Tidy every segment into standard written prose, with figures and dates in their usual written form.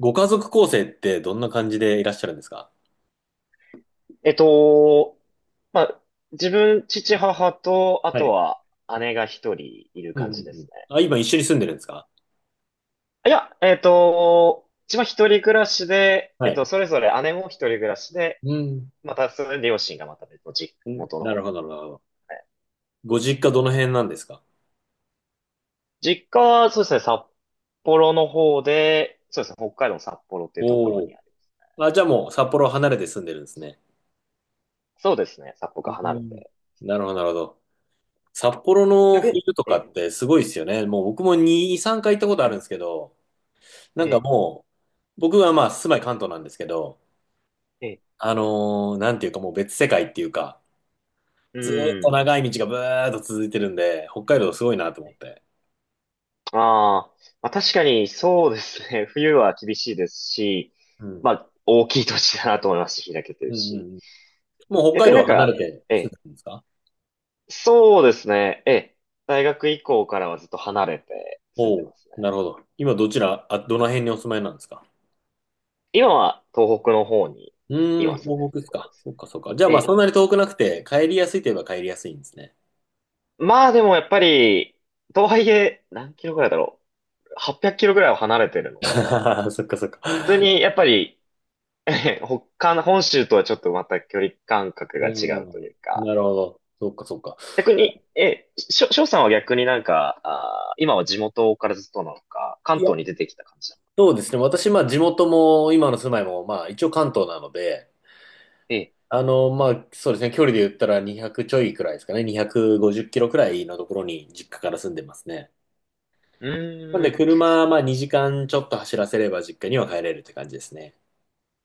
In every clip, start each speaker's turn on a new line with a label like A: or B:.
A: ご家族構成ってどんな感じでいらっしゃるんですか？
B: えっと、まあ、自分、父、母と、あ
A: は
B: と
A: い。
B: は姉が一人いる
A: うんう
B: 感
A: んう
B: じです
A: ん。
B: ね。
A: あ、今一緒に住んでるんですか？
B: いや、自分は一人暮らしで、
A: はい。
B: それぞれ姉も一人暮らしで、
A: うん。
B: また、それで両親がまた別の実
A: うん、
B: 元の
A: な
B: 方
A: る
B: にい
A: ほ
B: る
A: ど、なるほど。
B: ので。
A: ご実家どの辺なんですか？
B: 実家は、そうですね、札幌の方で、そうですね、北海道の札幌っていうところ
A: お
B: に
A: お
B: あります。
A: ー。あ、じゃあもう札幌離れて住んでるんですね。
B: そうですね、札幌が
A: う
B: 離れ
A: ん、
B: て。
A: なるほど、なるほど。札幌の
B: 逆に、
A: 冬と
B: え
A: か
B: え、
A: ってすごいですよね。もう僕も2、3回行ったことあるんですけど、なん
B: え
A: か
B: え、
A: もう、僕はまあ住まい関東なんですけど、
B: ええ、
A: なんていうかもう別世界っていうか、
B: う
A: ずーっと
B: ん。
A: 長い道がブーっと続いてるんで、北海道すごいなと思って。
B: ああ、まあ確かにそうですね。冬は厳しいですし、
A: うん。
B: まあ大きい土地だなと思いますし、開けてる
A: うんうんう
B: し。
A: ん。もう北
B: 逆
A: 海
B: に
A: 道
B: なん
A: は離れ
B: か、
A: て
B: え
A: 住んで
B: え、
A: るんですか？
B: そうですね。ええ、大学以降からはずっと離れて住ん
A: お
B: で
A: お
B: ま
A: う、
B: すね。
A: なるほど。今どちら、あ、どの辺にお住まいなんですか？
B: 今は東北の方に
A: うーん、
B: 今住んで
A: 東
B: るっ
A: 北で
B: て
A: す
B: ことで
A: か。
B: す
A: そっか
B: ね。
A: そっか。じゃあ
B: え
A: まあそ
B: え、
A: んなに遠くなくて、帰りやすいといえば帰りやすいんですね。
B: まあでもやっぱり、とはいえ何キロぐらいだろう。800キロぐらいは離れてる ので、
A: そっかそっか。
B: 普通にやっぱり、ええ、他の本州とはちょっとまた距離感覚
A: う
B: が違うという
A: ん、
B: か、
A: なるほど。そっかそっか。
B: 逆に、え、しょ、しょうさんは逆になんか、今は地元からずっとなのか、関
A: いや、
B: 東に出てきた感じなのか。
A: そうですね。私、まあ地元も今の住まいも、まあ一応関東なので、
B: ええ、
A: あの、まあ、そうですね。距離で言ったら200ちょいくらいですかね。250キロくらいのところに実家から住んでますね。
B: う
A: なん
B: ー
A: で、
B: ん、
A: 車、まあ、2時間ちょっと走らせれば実家には帰れるって感じですね。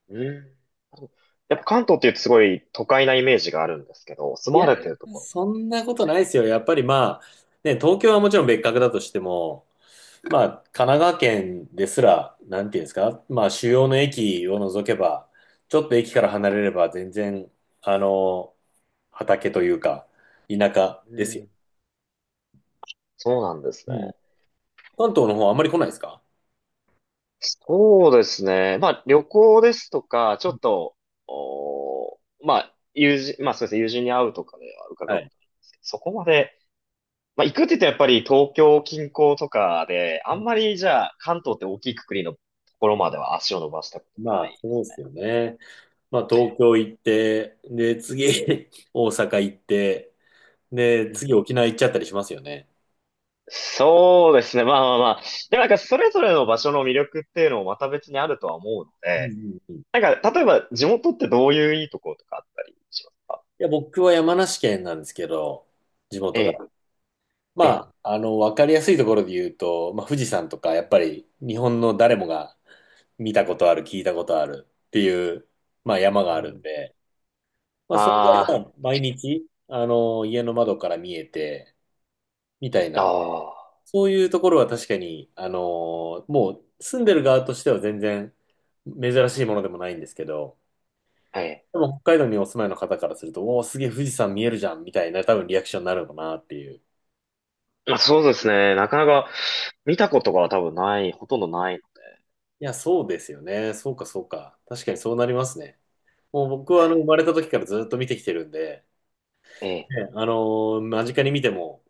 B: うーん。やっぱ関東って言うとすごい都会なイメージがあるんですけど、住
A: い
B: ま
A: や
B: われてると
A: ー、
B: ころ
A: そ
B: も
A: んなことない
B: ね。
A: ですよ。やっぱりまあ、ね、東京はもちろん別格だとしても、まあ、神奈川県ですら、なんていうんですか、まあ、主要の駅を除けば、ちょっと駅から離れれば全然、あの、畑というか、田舎
B: う
A: ですよ。
B: ん、そうなんです
A: う
B: ね。
A: ん。関東の方あんまり来ないですか？
B: そうですね。まあ旅行ですとか、ちょっと、おーまあ友人、まあそうですね、友人に会うとかでは伺
A: は
B: うこ
A: い。
B: となんですけど、そこまでまあ、行くって言ってやっぱり東京近郊とかで、あんまりじゃあ関東って大きいくくりのところまでは足を伸ばしたこと
A: ま
B: な
A: あ、
B: い。
A: そうですよね。まあ、東京行って、で、次、大阪行って、で、
B: うん。
A: 次、沖縄行っちゃったりしますよね。
B: そうですね。まあまあまあ。でもなんかそれぞれの場所の魅力っていうのもまた別にあるとは思うの
A: うんう
B: で、
A: んうん。い
B: なんか例えば地元ってどういういいところとかあったりします？
A: や、僕は山梨県なんですけど、地
B: え
A: 元
B: え、
A: が。
B: ええ。
A: まあ、あの、わかりやすいところで言うと、まあ、富士山とか、やっぱり日本の誰もが見たことある、聞いたことあるっていう、まあ、山
B: う
A: があるん
B: ん。
A: で、まあ、それが
B: あ
A: まあ毎日、あの、家の窓から見えて、みたい
B: あ、
A: な、
B: あ
A: そういうところは確かに、もう住んでる側としては全然珍しいものでもないんですけど、
B: あ、はい。
A: でも北海道にお住まいの方からすると、おお、すげえ富士山見えるじゃんみたいな多分リアクションになるのかなっていう。い
B: まあそうですね。なかなか見たことが多分ない、ほとんどないので。
A: や、そうですよね。そうか、そうか。確かにそうなりますね。もう僕はあの生まれた時からずっと見てきてるんで、
B: ええ。
A: ね、間近に見ても、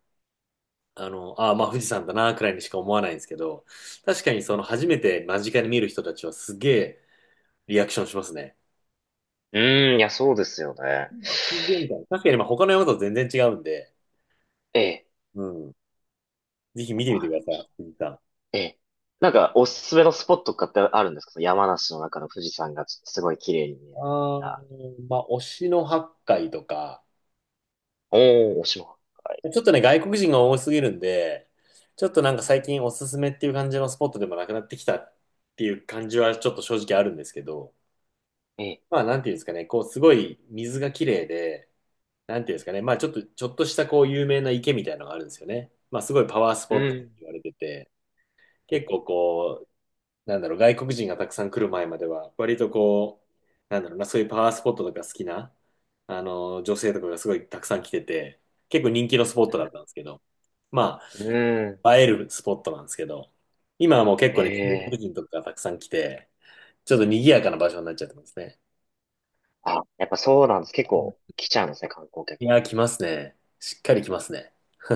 A: あの、ああー、まあ富士山だなくらいにしか思わないんですけど、確かにその
B: う
A: 初めて間近に見る人たちはすげえリアクションしますね。
B: うん、いや、そうですよね。
A: すげえみたいな。確かにまあ他の山と全然違うんで、
B: ええ、
A: うん。ぜひ見てみてください、藤井さん。
B: ええ。なんか、おすすめのスポットとかってあるんですか、その山梨の中の富士山がすごい綺麗に見えるみたい
A: あ
B: な。
A: ー、まあ、推しの八海とか、
B: おー、おしま
A: ちょっとね、外国人が多すぎるんで、ちょっとなん
B: い。
A: か最近おすすめっていう感じのスポットでもなくなってきたっていう感じはちょっと正直あるんですけど、
B: ええ、え
A: まあ、なんていうんですかね、こう、すごい水が綺麗で、なんていうんで
B: え。
A: すかね、まあ、ちょっと、ちょっとしたこう、有名な池みたいなのがあるんですよね。まあ、すごいパワース
B: う
A: ポットって
B: ん。
A: 言われてて、結構
B: う
A: こなんだろう、外国人がたくさん来る前までは、割とこう、なんだろうな、そういうパワースポットとか好きな、あの、女性とかがすごいたくさん来てて、結構人気のスポッ
B: ん。
A: トだったんですけど、ま
B: う
A: あ、映えるスポットなんですけど、今はもう結
B: ん。
A: 構ね、中国
B: ええ。
A: 人とかがたくさん来て、ちょっと賑やかな場所になっちゃってますね。
B: あ、やっぱそうなんです。結
A: うん。
B: 構来ちゃうんですね、観光客。
A: いやー、来ますね。しっかり来ますね。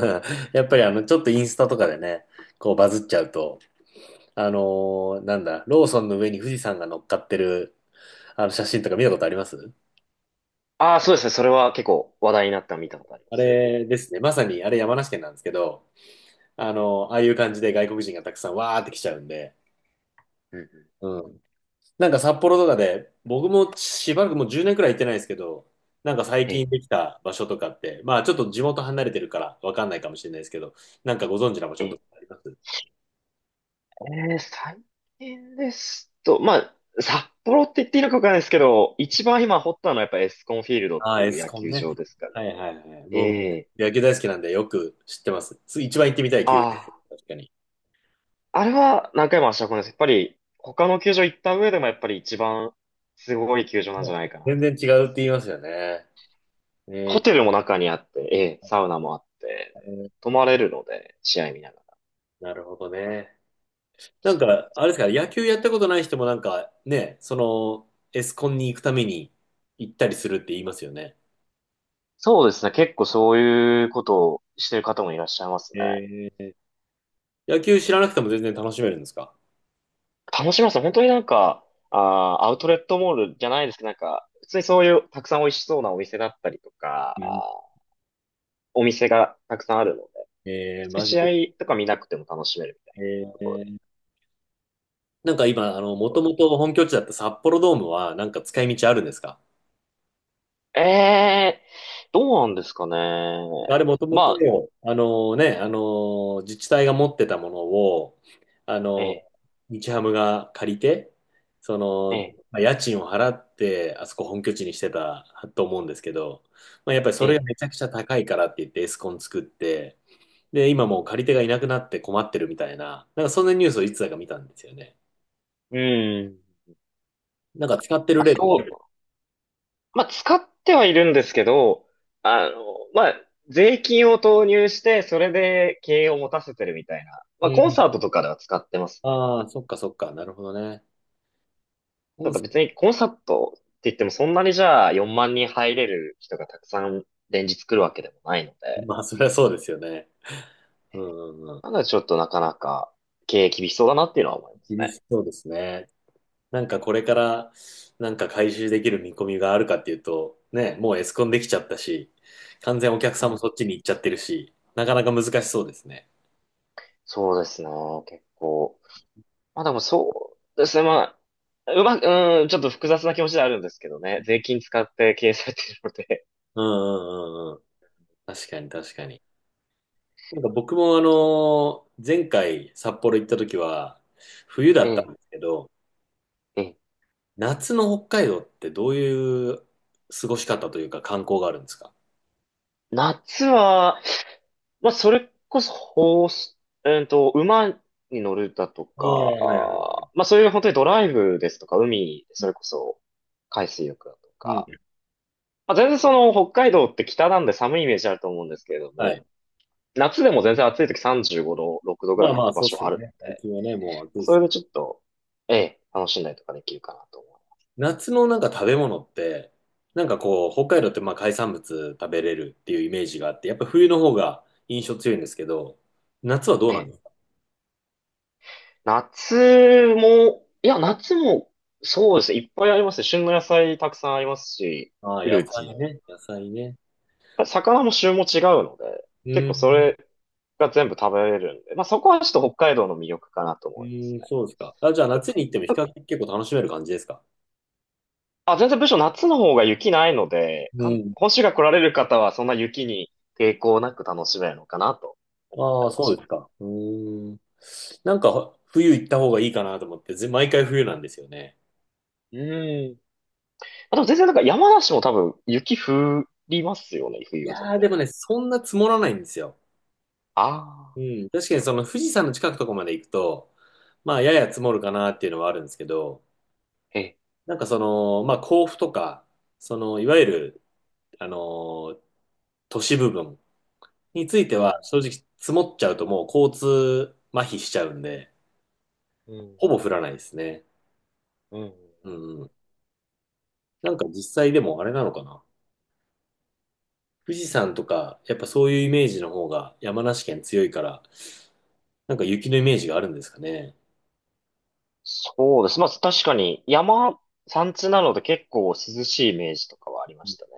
A: やっぱりあの、ちょっとインスタとかでね、こうバズっちゃうと、あのなんだ、ローソンの上に富士山が乗っかってる、あの写真とか見たことあります？
B: ああ、そうですね。それは結構話題になったの見たことありま
A: あ
B: す。
A: れですね。まさに、あれ山梨県なんですけど、ああいう感じで外国人がたくさんわーって来ちゃうんで、
B: うんうん。
A: うん。なんか札幌とかで、僕もしばらくもう10年くらい行ってないですけど、なんか最
B: え
A: 近
B: え、
A: できた場所とかって、まあちょっと地元離れてるからわかんないかもしれないですけど、なんかご存知な場
B: え
A: 所と
B: え、
A: かあります？
B: ええ、最近ですと、まあ、札幌って言っていいのかわかんないですけど、一番今掘ったのはやっぱエスコンフィールドっ
A: あ
B: て
A: あ、エ
B: いう
A: ス
B: 野
A: コン
B: 球
A: ね。
B: 場ですかね。
A: はいはいはい。僕、
B: え
A: 野球大好きなんでよく知ってます。つ一番行ってみたい球場で
B: あ
A: す。確かに。
B: あ、あれは何回も足を運んでます。やっぱり他の球場行った上でもやっぱり一番すごい球場なん
A: は
B: じゃ
A: い、
B: ないかな
A: 全
B: と思
A: 然
B: い
A: 違
B: ま
A: うって言
B: す。
A: いますよね。ね
B: ホテ
A: え、
B: ルも中にあって、ええ、サウナもあって、泊まれるので、試合見ながら。
A: なるほどね。なんか、あれですか、野球やったことない人もなんかね、その、エスコンに行くために行ったりするって言いますよね。
B: そうですね。結構そういうことをしてる方もいらっしゃいますね。
A: えー、野球知らなくても全然楽しめるんですか？
B: 楽しみますね。本当になんか、アウトレットモールじゃないですけど、なんか、普通にそういうたくさん美味しそうなお店だったりとか、
A: うん。
B: ーお店がたくさんあるので、
A: え
B: 普
A: ー、
B: 通に
A: マジ
B: 試
A: で。
B: 合とか見なくても楽しめるみた
A: え
B: いな。
A: ー、なんか今、あの、もともと本拠地だった札幌ドームは、なんか使い道あるんですか？
B: ええー、どうなんですかね。
A: あれもとも
B: ま
A: と、
B: あ、
A: あのね、あの、自治体が持ってたものを、あ
B: え
A: の、
B: え、
A: 日ハムが借りて、そ
B: え
A: の、
B: え、
A: まあ、家賃を払って、あそこ本拠地にしてたと思うんですけど、まあ、やっぱりそ
B: え
A: れが
B: え。
A: めちゃくちゃ高いからって言ってエスコン作って、で、
B: う
A: 今
B: ん。
A: もう借り手がいなくなって困ってるみたいな、なんかそんなニュースをいつだか見たんですよね。
B: うん、
A: なんか使って
B: ま
A: る
B: あ、
A: 例ってあ
B: そ
A: る。
B: う、まあ、使ってはいるんですけど、あの、まあ、税金を投入して、それで経営を持たせてるみたいな。
A: う
B: まあ、コン
A: ん。
B: サートとかでは使ってます
A: あ
B: ね。
A: あ、そっかそっか、なるほどね。
B: た
A: 本
B: だ
A: 社
B: 別にコンサートって言ってもそんなにじゃあ4万人入れる人がたくさん連日来るわけでもないので、
A: まあ、そりゃそうですよね。うんうんうん。
B: まだちょっとなかなか経営厳しそうだなっていうのは思います
A: 厳
B: ね。
A: しそうですね。なんかこれからなんか回収できる見込みがあるかっていうと、ね、もうエスコンできちゃったし、完全お客
B: う
A: さんも
B: ん、
A: そっちに行っちゃってるし、なかなか難しそうですね。
B: そうですね、結構。まあでもそうですね、まあ、うまく、うん、ちょっと複雑な気持ちではあるんですけどね。税金使って経営されているので。
A: うんうんうんうん。確かに確かに。なんか僕も前回札幌行った時は、冬だ
B: え
A: ったん
B: え、
A: ですけど、
B: ええ。
A: 夏の北海道ってどういう過ごし方というか観光があるんですか？
B: 夏は、まあそれこそ、ホース、えっと、馬に乗るだと
A: ああ、は
B: か、
A: いはいはい。
B: まあそういう本当にドライブですとか、海、それこそ、海水浴だと
A: う
B: か。
A: ん。
B: まあ全然その、北海道って北なんで寒いイメージあると思うんですけれど
A: は
B: も、
A: い。
B: 夏でも全然暑い時35度、6度ぐ
A: ま
B: ら
A: あ
B: い行
A: まあ、
B: く場
A: そうっす
B: 所あ
A: よ
B: るん
A: ね。最
B: で。
A: 近はね、もう暑いっ
B: そ
A: す。
B: れでちょっと、ええ、楽しんだりとかできるかなと思
A: 夏のなんか食べ物って、なんかこう、北海道ってまあ海産物食べれるっていうイメージがあって、やっぱ冬の方が印象強いんですけど、夏はど
B: う。
A: う
B: え
A: なん
B: え、
A: ですか？
B: 夏も、いや、夏も、そうですね、いっぱいありますね。旬の野菜たくさんありますし、
A: ああ、
B: フ
A: 野
B: ルーツ
A: 菜
B: も。
A: ね、野菜ね。
B: 魚も旬も違うので、
A: う
B: 結
A: ー
B: 構そ
A: ん。
B: れが全部食べれるんで、まあそこはちょっと北海道の魅力かなと
A: う
B: 思います
A: ーん、
B: ね。
A: そうですか。あ、じゃあ夏に行っても比較的結構楽しめる感じですか？
B: あ、全然むしろ夏の方が雪ないので、
A: うん。
B: 本州が来られる方はそんな雪に抵抗なく楽しめるのかなと思った
A: ああ、
B: りは
A: そう
B: し
A: で
B: ま
A: す
B: す。
A: か。うーん。なんか冬行った方がいいかなと思って、ぜ毎回冬なんですよね。
B: うん。あと全然なんか山梨も多分雪降りますよね、冬
A: い
B: は全
A: やー、
B: 然。
A: でもね、そんな積もらないんですよ。
B: ああ、
A: うん、確かにその富士山の近くとこまで行くと、まあやや積もるかなっていうのはあるんですけど、
B: え、
A: なんかその、まあ甲府とか、そのいわゆる、あの、都市部分について
B: う
A: は
B: ん、
A: 正直積もっちゃうともう交通麻痺しちゃうんで、
B: うん、
A: ほぼ降らないですね。
B: うん。
A: うんうん。なんか実際でもあれなのかな。富士山とか、やっぱそういうイメージの方が山梨県強いから、なんか雪のイメージがあるんですかね。
B: そうです。まあ確かに山地なので結構涼しいイメージとかはありましたね。